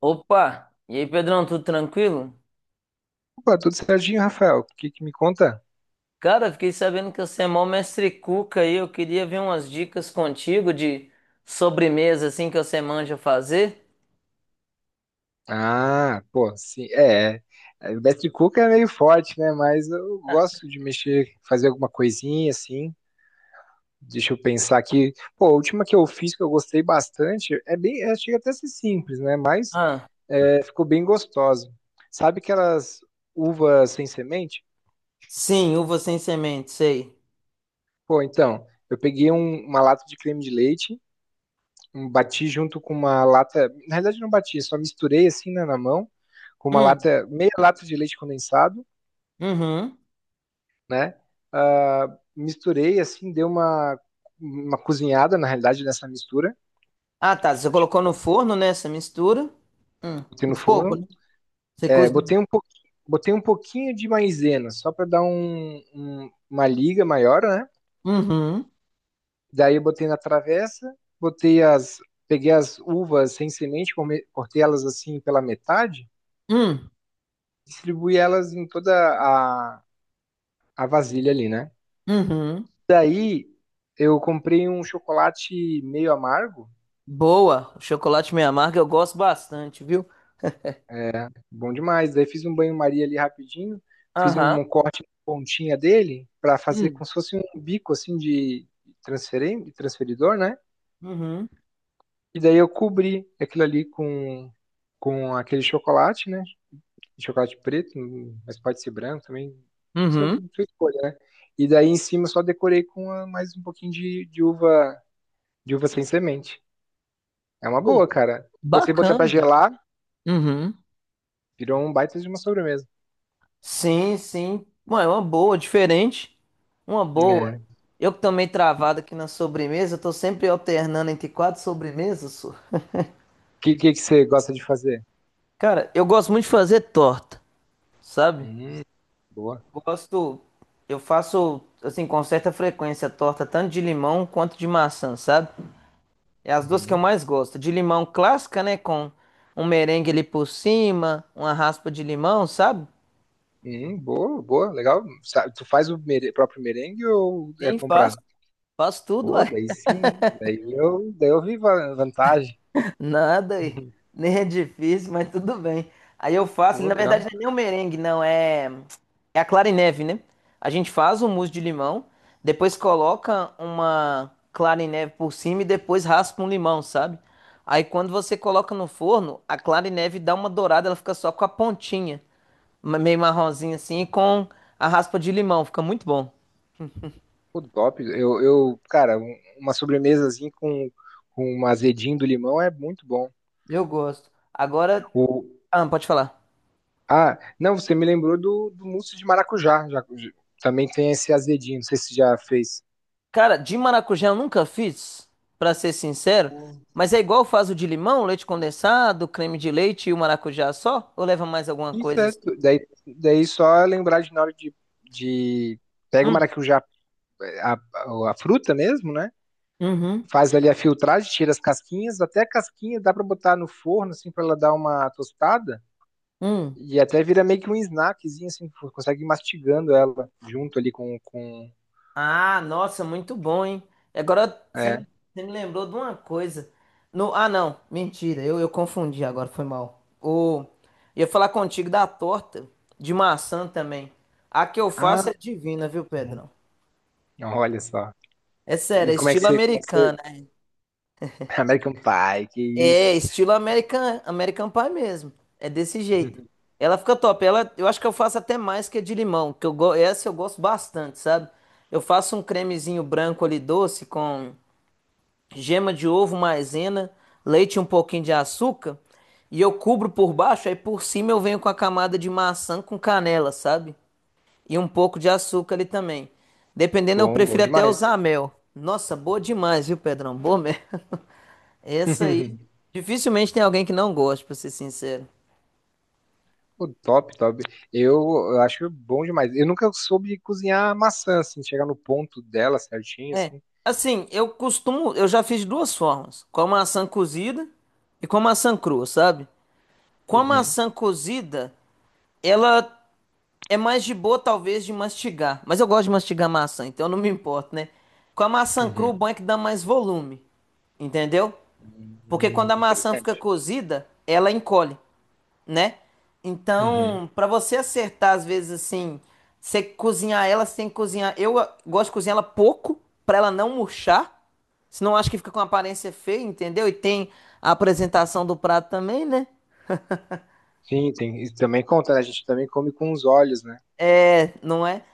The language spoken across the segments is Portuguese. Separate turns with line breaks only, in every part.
Opa! E aí, Pedrão, tudo tranquilo?
Opa, tudo certinho, Rafael? O que que me conta?
Cara, fiquei sabendo que você é mó mestre cuca aí. Eu queria ver umas dicas contigo de sobremesa assim que você manja fazer.
Ah, pô, sim, Betty Cook é meio forte, né? Mas eu gosto de mexer, fazer alguma coisinha assim. Deixa eu pensar aqui. Pô, a última que eu fiz que eu gostei bastante chega até a ser simples, né? Mas
Ah,
é, ficou bem gostosa. Sabe aquelas uvas sem semente?
sim, uva sem semente, sei.
Pô, então, eu peguei uma lata de creme de leite. Bati junto com uma lata, na realidade não bati, só misturei assim né, na mão, com uma
Hum,
lata, meia lata de leite condensado,
uhum.
né? Ah, misturei assim, uma cozinhada na realidade nessa mistura,
Ah, tá. Você colocou no
tipo,
forno, né, essa mistura? Hum,
botei no
no fogo,
forno.
né? Você
É,
cozinhou.
botei um pouquinho de maisena, só para dar uma liga maior, né?
Uhum.
Daí eu botei na travessa, botei as, peguei as uvas sem semente, cortei elas assim pela metade,
Hum,
distribuí elas em toda a vasilha ali, né?
uhum.
Daí eu comprei um chocolate meio amargo,
Boa. O chocolate meio amargo eu gosto bastante, viu?
é, bom demais. Daí fiz um banho-maria ali rapidinho, fiz
Aham.
um corte na pontinha dele para fazer
Hum,
como se fosse um bico assim de de transferidor, né?
uhum.
E daí eu cobri aquilo ali com aquele chocolate, né? Chocolate preto, mas pode ser branco também, isso é
Uhum.
sua escolha, né? E daí em cima eu só decorei com mais um pouquinho de uva sem semente. É uma
Pô,
boa, cara. Você botar pra
bacana.
gelar,
Uhum.
virou um baita de uma sobremesa.
Sim, sim. Mano, é uma boa, diferente. Uma boa.
É. O
Eu que também travado aqui na sobremesa, eu tô sempre alternando entre quatro sobremesas. Só.
que, que você gosta de fazer?
Cara, eu gosto muito de fazer torta, sabe?
Hum, boa.
Gosto, eu faço assim com certa frequência torta tanto de limão quanto de maçã, sabe? É as duas que eu
Uhum.
mais gosto. De limão clássica, né, com um merengue ali por cima, uma raspa de limão, sabe?
Boa, boa, legal. Tu faz o próprio merengue ou é
Sim, faço,
comprado?
faço tudo,
Pô,
uai.
daí sim. Daí eu vantagem.
Nada, e
Uhum.
nem é difícil, mas tudo bem. Aí eu faço, ele,
Pô,
na verdade
legal.
não é nem o merengue, não, é, é a clara em neve, né? A gente faz o mousse de limão, depois coloca uma clara em neve por cima e depois raspa um limão, sabe? Aí quando você coloca no forno, a clara em neve dá uma dourada, ela fica só com a pontinha, ma- meio marronzinha assim, e com a raspa de limão, fica muito bom.
Pô, top. Cara, uma sobremesazinha com um azedinho do limão é muito bom.
Eu gosto. Agora, ah, pode falar.
Ah, não, você me lembrou do mousse de maracujá. Também tem esse azedinho, não sei se você já fez.
Cara, de maracujá eu nunca fiz, pra ser sincero, mas é igual faz o de limão, leite condensado, creme de leite e o maracujá só? Ou leva mais alguma
Isso
coisa
é,
assim?
daí só lembrar de na hora de pega o
Hum.
maracujá, a fruta mesmo, né?
Uhum.
Faz ali a filtragem, tira as casquinhas, até a casquinha dá pra botar no forno, assim, pra ela dar uma tostada.
Hum.
E até vira meio que um snackzinho, assim, tu consegue ir mastigando ela junto ali
Ah, nossa, muito bom, hein? E agora
é.
você me lembrou de uma coisa. No, ah, não, mentira, eu confundi agora, foi mal. O, ia falar contigo da torta de maçã também. A que eu
Ah,
faço é divina, viu, Pedrão?
olha só.
É sério,
E
é
como é que
estilo
você,
americano.
American Pie, que isso.
É, estilo American, American Pie mesmo. É desse jeito. Ela fica top. Ela, eu acho que eu faço até mais que a de limão, que eu go- essa eu gosto bastante, sabe? Eu faço um cremezinho branco ali doce com gema de ovo, maisena, leite e um pouquinho de açúcar e eu cubro por baixo, aí por cima eu venho com a camada de maçã com canela, sabe? E um pouco de açúcar ali também. Dependendo, eu
Bom, bom
prefiro até
demais.
usar mel. Nossa, boa demais, viu, Pedrão? Boa mesmo. Essa aí, dificilmente tem alguém que não goste, pra ser sincero.
Pô, top, top. Eu, eu acho bom demais. Eu nunca soube cozinhar maçã, assim, chegar no ponto dela certinho,
É,
assim.
assim, eu costumo, eu já fiz de duas formas, com a maçã cozida e com a maçã crua, sabe? Com a
Uhum,
maçã cozida, ela é mais de boa, talvez, de mastigar, mas eu gosto de mastigar maçã, então eu não me importo, né? Com a maçã crua, o
uhum.
bom é que dá mais volume, entendeu? Porque quando a maçã fica
Interessante.
cozida, ela encolhe. Né?
Uhum.
Então, para você acertar, às vezes, assim, você cozinhar ela, você tem que cozinhar. Eu gosto de cozinhar ela pouco, para ela não murchar. Senão acho que fica com uma aparência feia, entendeu? E tem a apresentação do prato também, né?
Sim, tem, isso também conta, né? A gente também come com os olhos, né?
É, não é?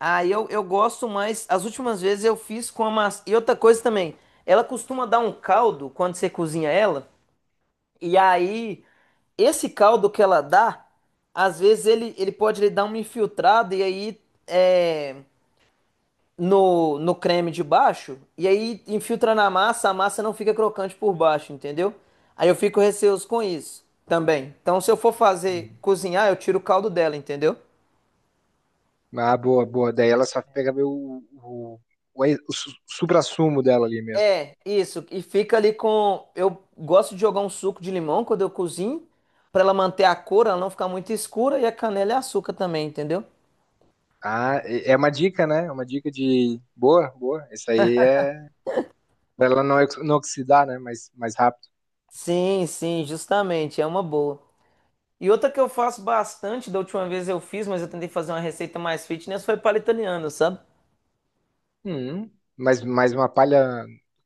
Aí eu gosto mais. As últimas vezes eu fiz com a massa. E outra coisa também, ela costuma dar um caldo quando você cozinha ela. E aí, esse caldo que ela dá, às vezes ele pode lhe dar uma infiltrada e aí é, no creme de baixo, e aí infiltra na massa, a massa não fica crocante por baixo, entendeu? Aí eu fico receoso com isso também. Então, se eu for fazer
Uhum.
cozinhar, eu tiro o caldo dela, entendeu?
Ah, boa, boa. Daí ela só pega o, ex- o su- suprassumo dela ali mesmo.
É, isso. E fica ali com. Eu gosto de jogar um suco de limão quando eu cozinho, pra ela manter a cor, ela não ficar muito escura, e a canela e açúcar também, entendeu?
Ah, é é uma dica, né? É uma dica de. Boa, boa. Isso aí é. Pra ela não oxidar, né? Mais, mais rápido.
Sim, sim, justamente, é uma boa. E outra que eu faço bastante, da última vez eu fiz, mas eu tentei fazer uma receita mais fitness, foi palha italiana, sabe?
Hum, mas mais uma palha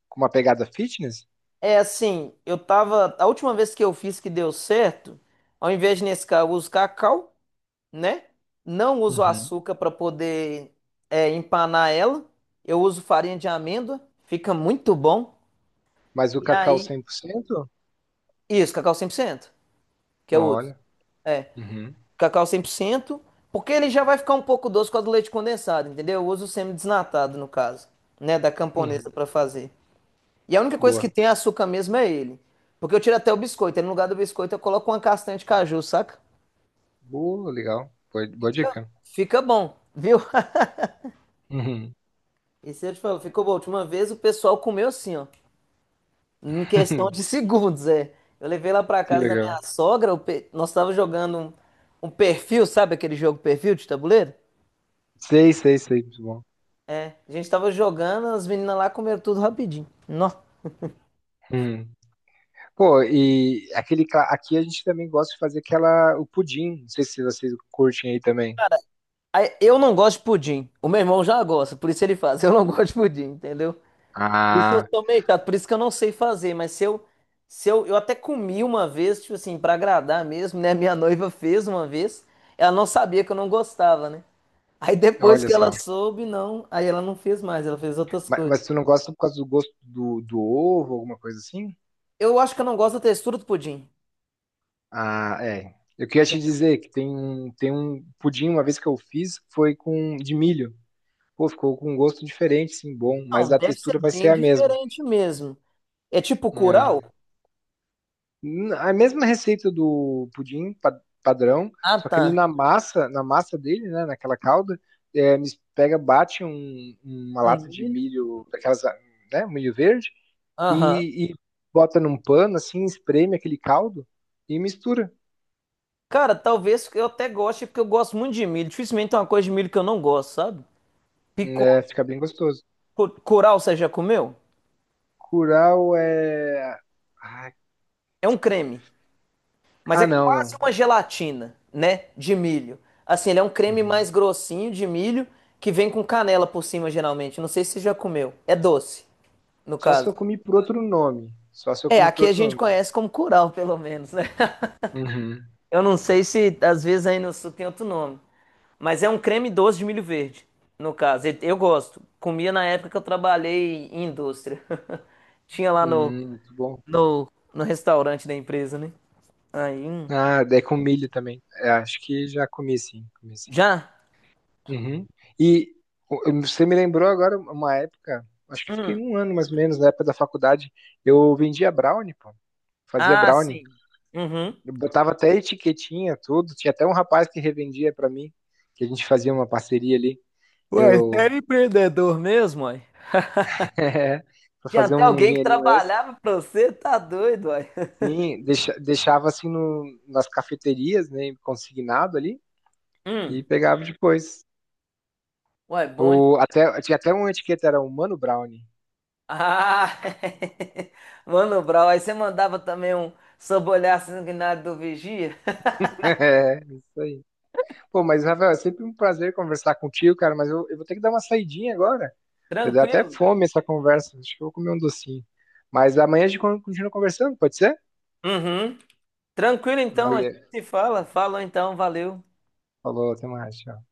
com uma pegada fitness?
É assim, eu tava. A última vez que eu fiz que deu certo, ao invés de Nescau, eu uso cacau, né? Não uso
Uhum.
açúcar para poder empanar ela. Eu uso farinha de amêndoa, fica muito bom.
Mas o
E
cacau
aí,
100%?
isso, cacau 100% que eu uso.
Olha.
É.
Uhum.
Cacau 100%, porque ele já vai ficar um pouco doce com a do leite condensado, entendeu? Eu uso o semi-desnatado, no caso, né, da camponesa
Uhum.
para fazer. E a única coisa que
Boa.
tem é açúcar mesmo é ele. Porque eu tiro até o biscoito, aí no lugar do biscoito eu coloco uma castanha de caju, saca?
Boa, legal. Boa, boa
Fica,
dica.
fica bom, viu?
Uhum.
E se eu te falo, ficou bom. A última vez o pessoal comeu assim, ó, em questão de segundos, é. Eu levei lá para
Que
casa da minha
legal.
sogra, o pe- nós tava jogando um, um perfil, sabe aquele jogo perfil de tabuleiro?
Sei, sei, sei. Muito bom.
A gente tava jogando, as meninas lá comeram tudo rapidinho. Nó.
Uhum. Pô, e aquele, aqui a gente também gosta de fazer aquela, o pudim. Não sei se vocês curtem aí também.
Aí, eu não gosto de pudim. O meu irmão já gosta, por isso ele faz. Eu não gosto de pudim, entendeu? Isso eu
Ah,
sou meio chato, por isso que eu não sei fazer. Mas se eu, se eu, eu até comi uma vez, tipo assim, pra agradar mesmo, né? Minha noiva fez uma vez. Ela não sabia que eu não gostava, né? Aí depois
olha
que ela
só.
soube, não. Aí ela não fez mais, ela fez outras coisas.
Mas tu não gosta por causa do gosto do ovo, alguma coisa assim?
Eu acho que eu não gosto da textura do pudim.
Ah, é. Eu queria te dizer que tem tem um pudim, uma vez que eu fiz, foi com de milho. Pô, ficou com um gosto diferente, sim, bom, mas
Não,
a
deve
textura
ser
vai ser
bem
a mesma.
diferente mesmo. É tipo
É.
curau?
A mesma receita do pudim padrão,
Ah,
só que ele
tá.
na massa dele, né, naquela calda, é, pega, bate uma
Um
lata de
milho.
milho, daquelas, né, um milho verde,
Aham.
e bota num pano, assim, espreme aquele caldo e mistura.
Cara, talvez eu até goste, porque eu gosto muito de milho. Dificilmente tem uma coisa de milho que eu não gosto, sabe? Picô,
Né, fica bem gostoso.
cu- curau, você já comeu?
Curau é. Ah,
É um creme, mas
ah,
é
não,
quase
não.
uma gelatina, né? De milho. Assim, ele é um creme mais
Uhum.
grossinho de milho que vem com canela por cima, geralmente. Não sei se você já comeu. É doce, no
Só se
caso.
eu comi por outro nome. Só se eu
É,
comi por
aqui a
outro
gente
nome.
conhece como curau, pelo menos, né?
Uhum.
Eu não sei se às vezes aí no sul tem outro nome. Mas é um creme doce de milho verde, no caso. E- eu gosto. Comia na época que eu trabalhei em indústria. Tinha lá no,
Muito bom.
no restaurante da empresa, né? Aí.
Ah, é com milho também. É, acho que já comi sim, comi sim.
Já?
Uhum. E você me lembrou agora uma época, acho que fiquei
Hum.
um ano mais ou menos, na época da faculdade, eu vendia brownie, pô. Fazia
Ah,
brownie.
sim. Uhum.
Eu botava até etiquetinha, tudo. Tinha até um rapaz que revendia pra mim, que a gente fazia uma parceria ali.
Ué, você
Eu
era empreendedor mesmo, ué?
é, para
Tinha
fazer
até
um
alguém que
dinheirinho extra.
trabalhava pra você, tá doido, uai.
Sim, deixava assim no, nas cafeterias, né, consignado ali e
Hum.
pegava depois.
Uai, bom de...
O, até, tinha até uma etiqueta, era Humano Brownie.
Ah! Mano Brown, aí você mandava também um sob o olhar sanguinário do vigia?
É, isso aí. Pô, mas Rafael, é sempre um prazer conversar contigo, cara, mas eu vou ter que dar uma saidinha agora. Eu dei até
Tranquilo.
fome essa conversa, acho que eu vou comer um docinho. Mas amanhã a gente continua conversando, pode ser?
Uhum. Tranquilo então, a gente
Valeu.
se fala. Falou então, valeu.
Falou, até mais, tchau.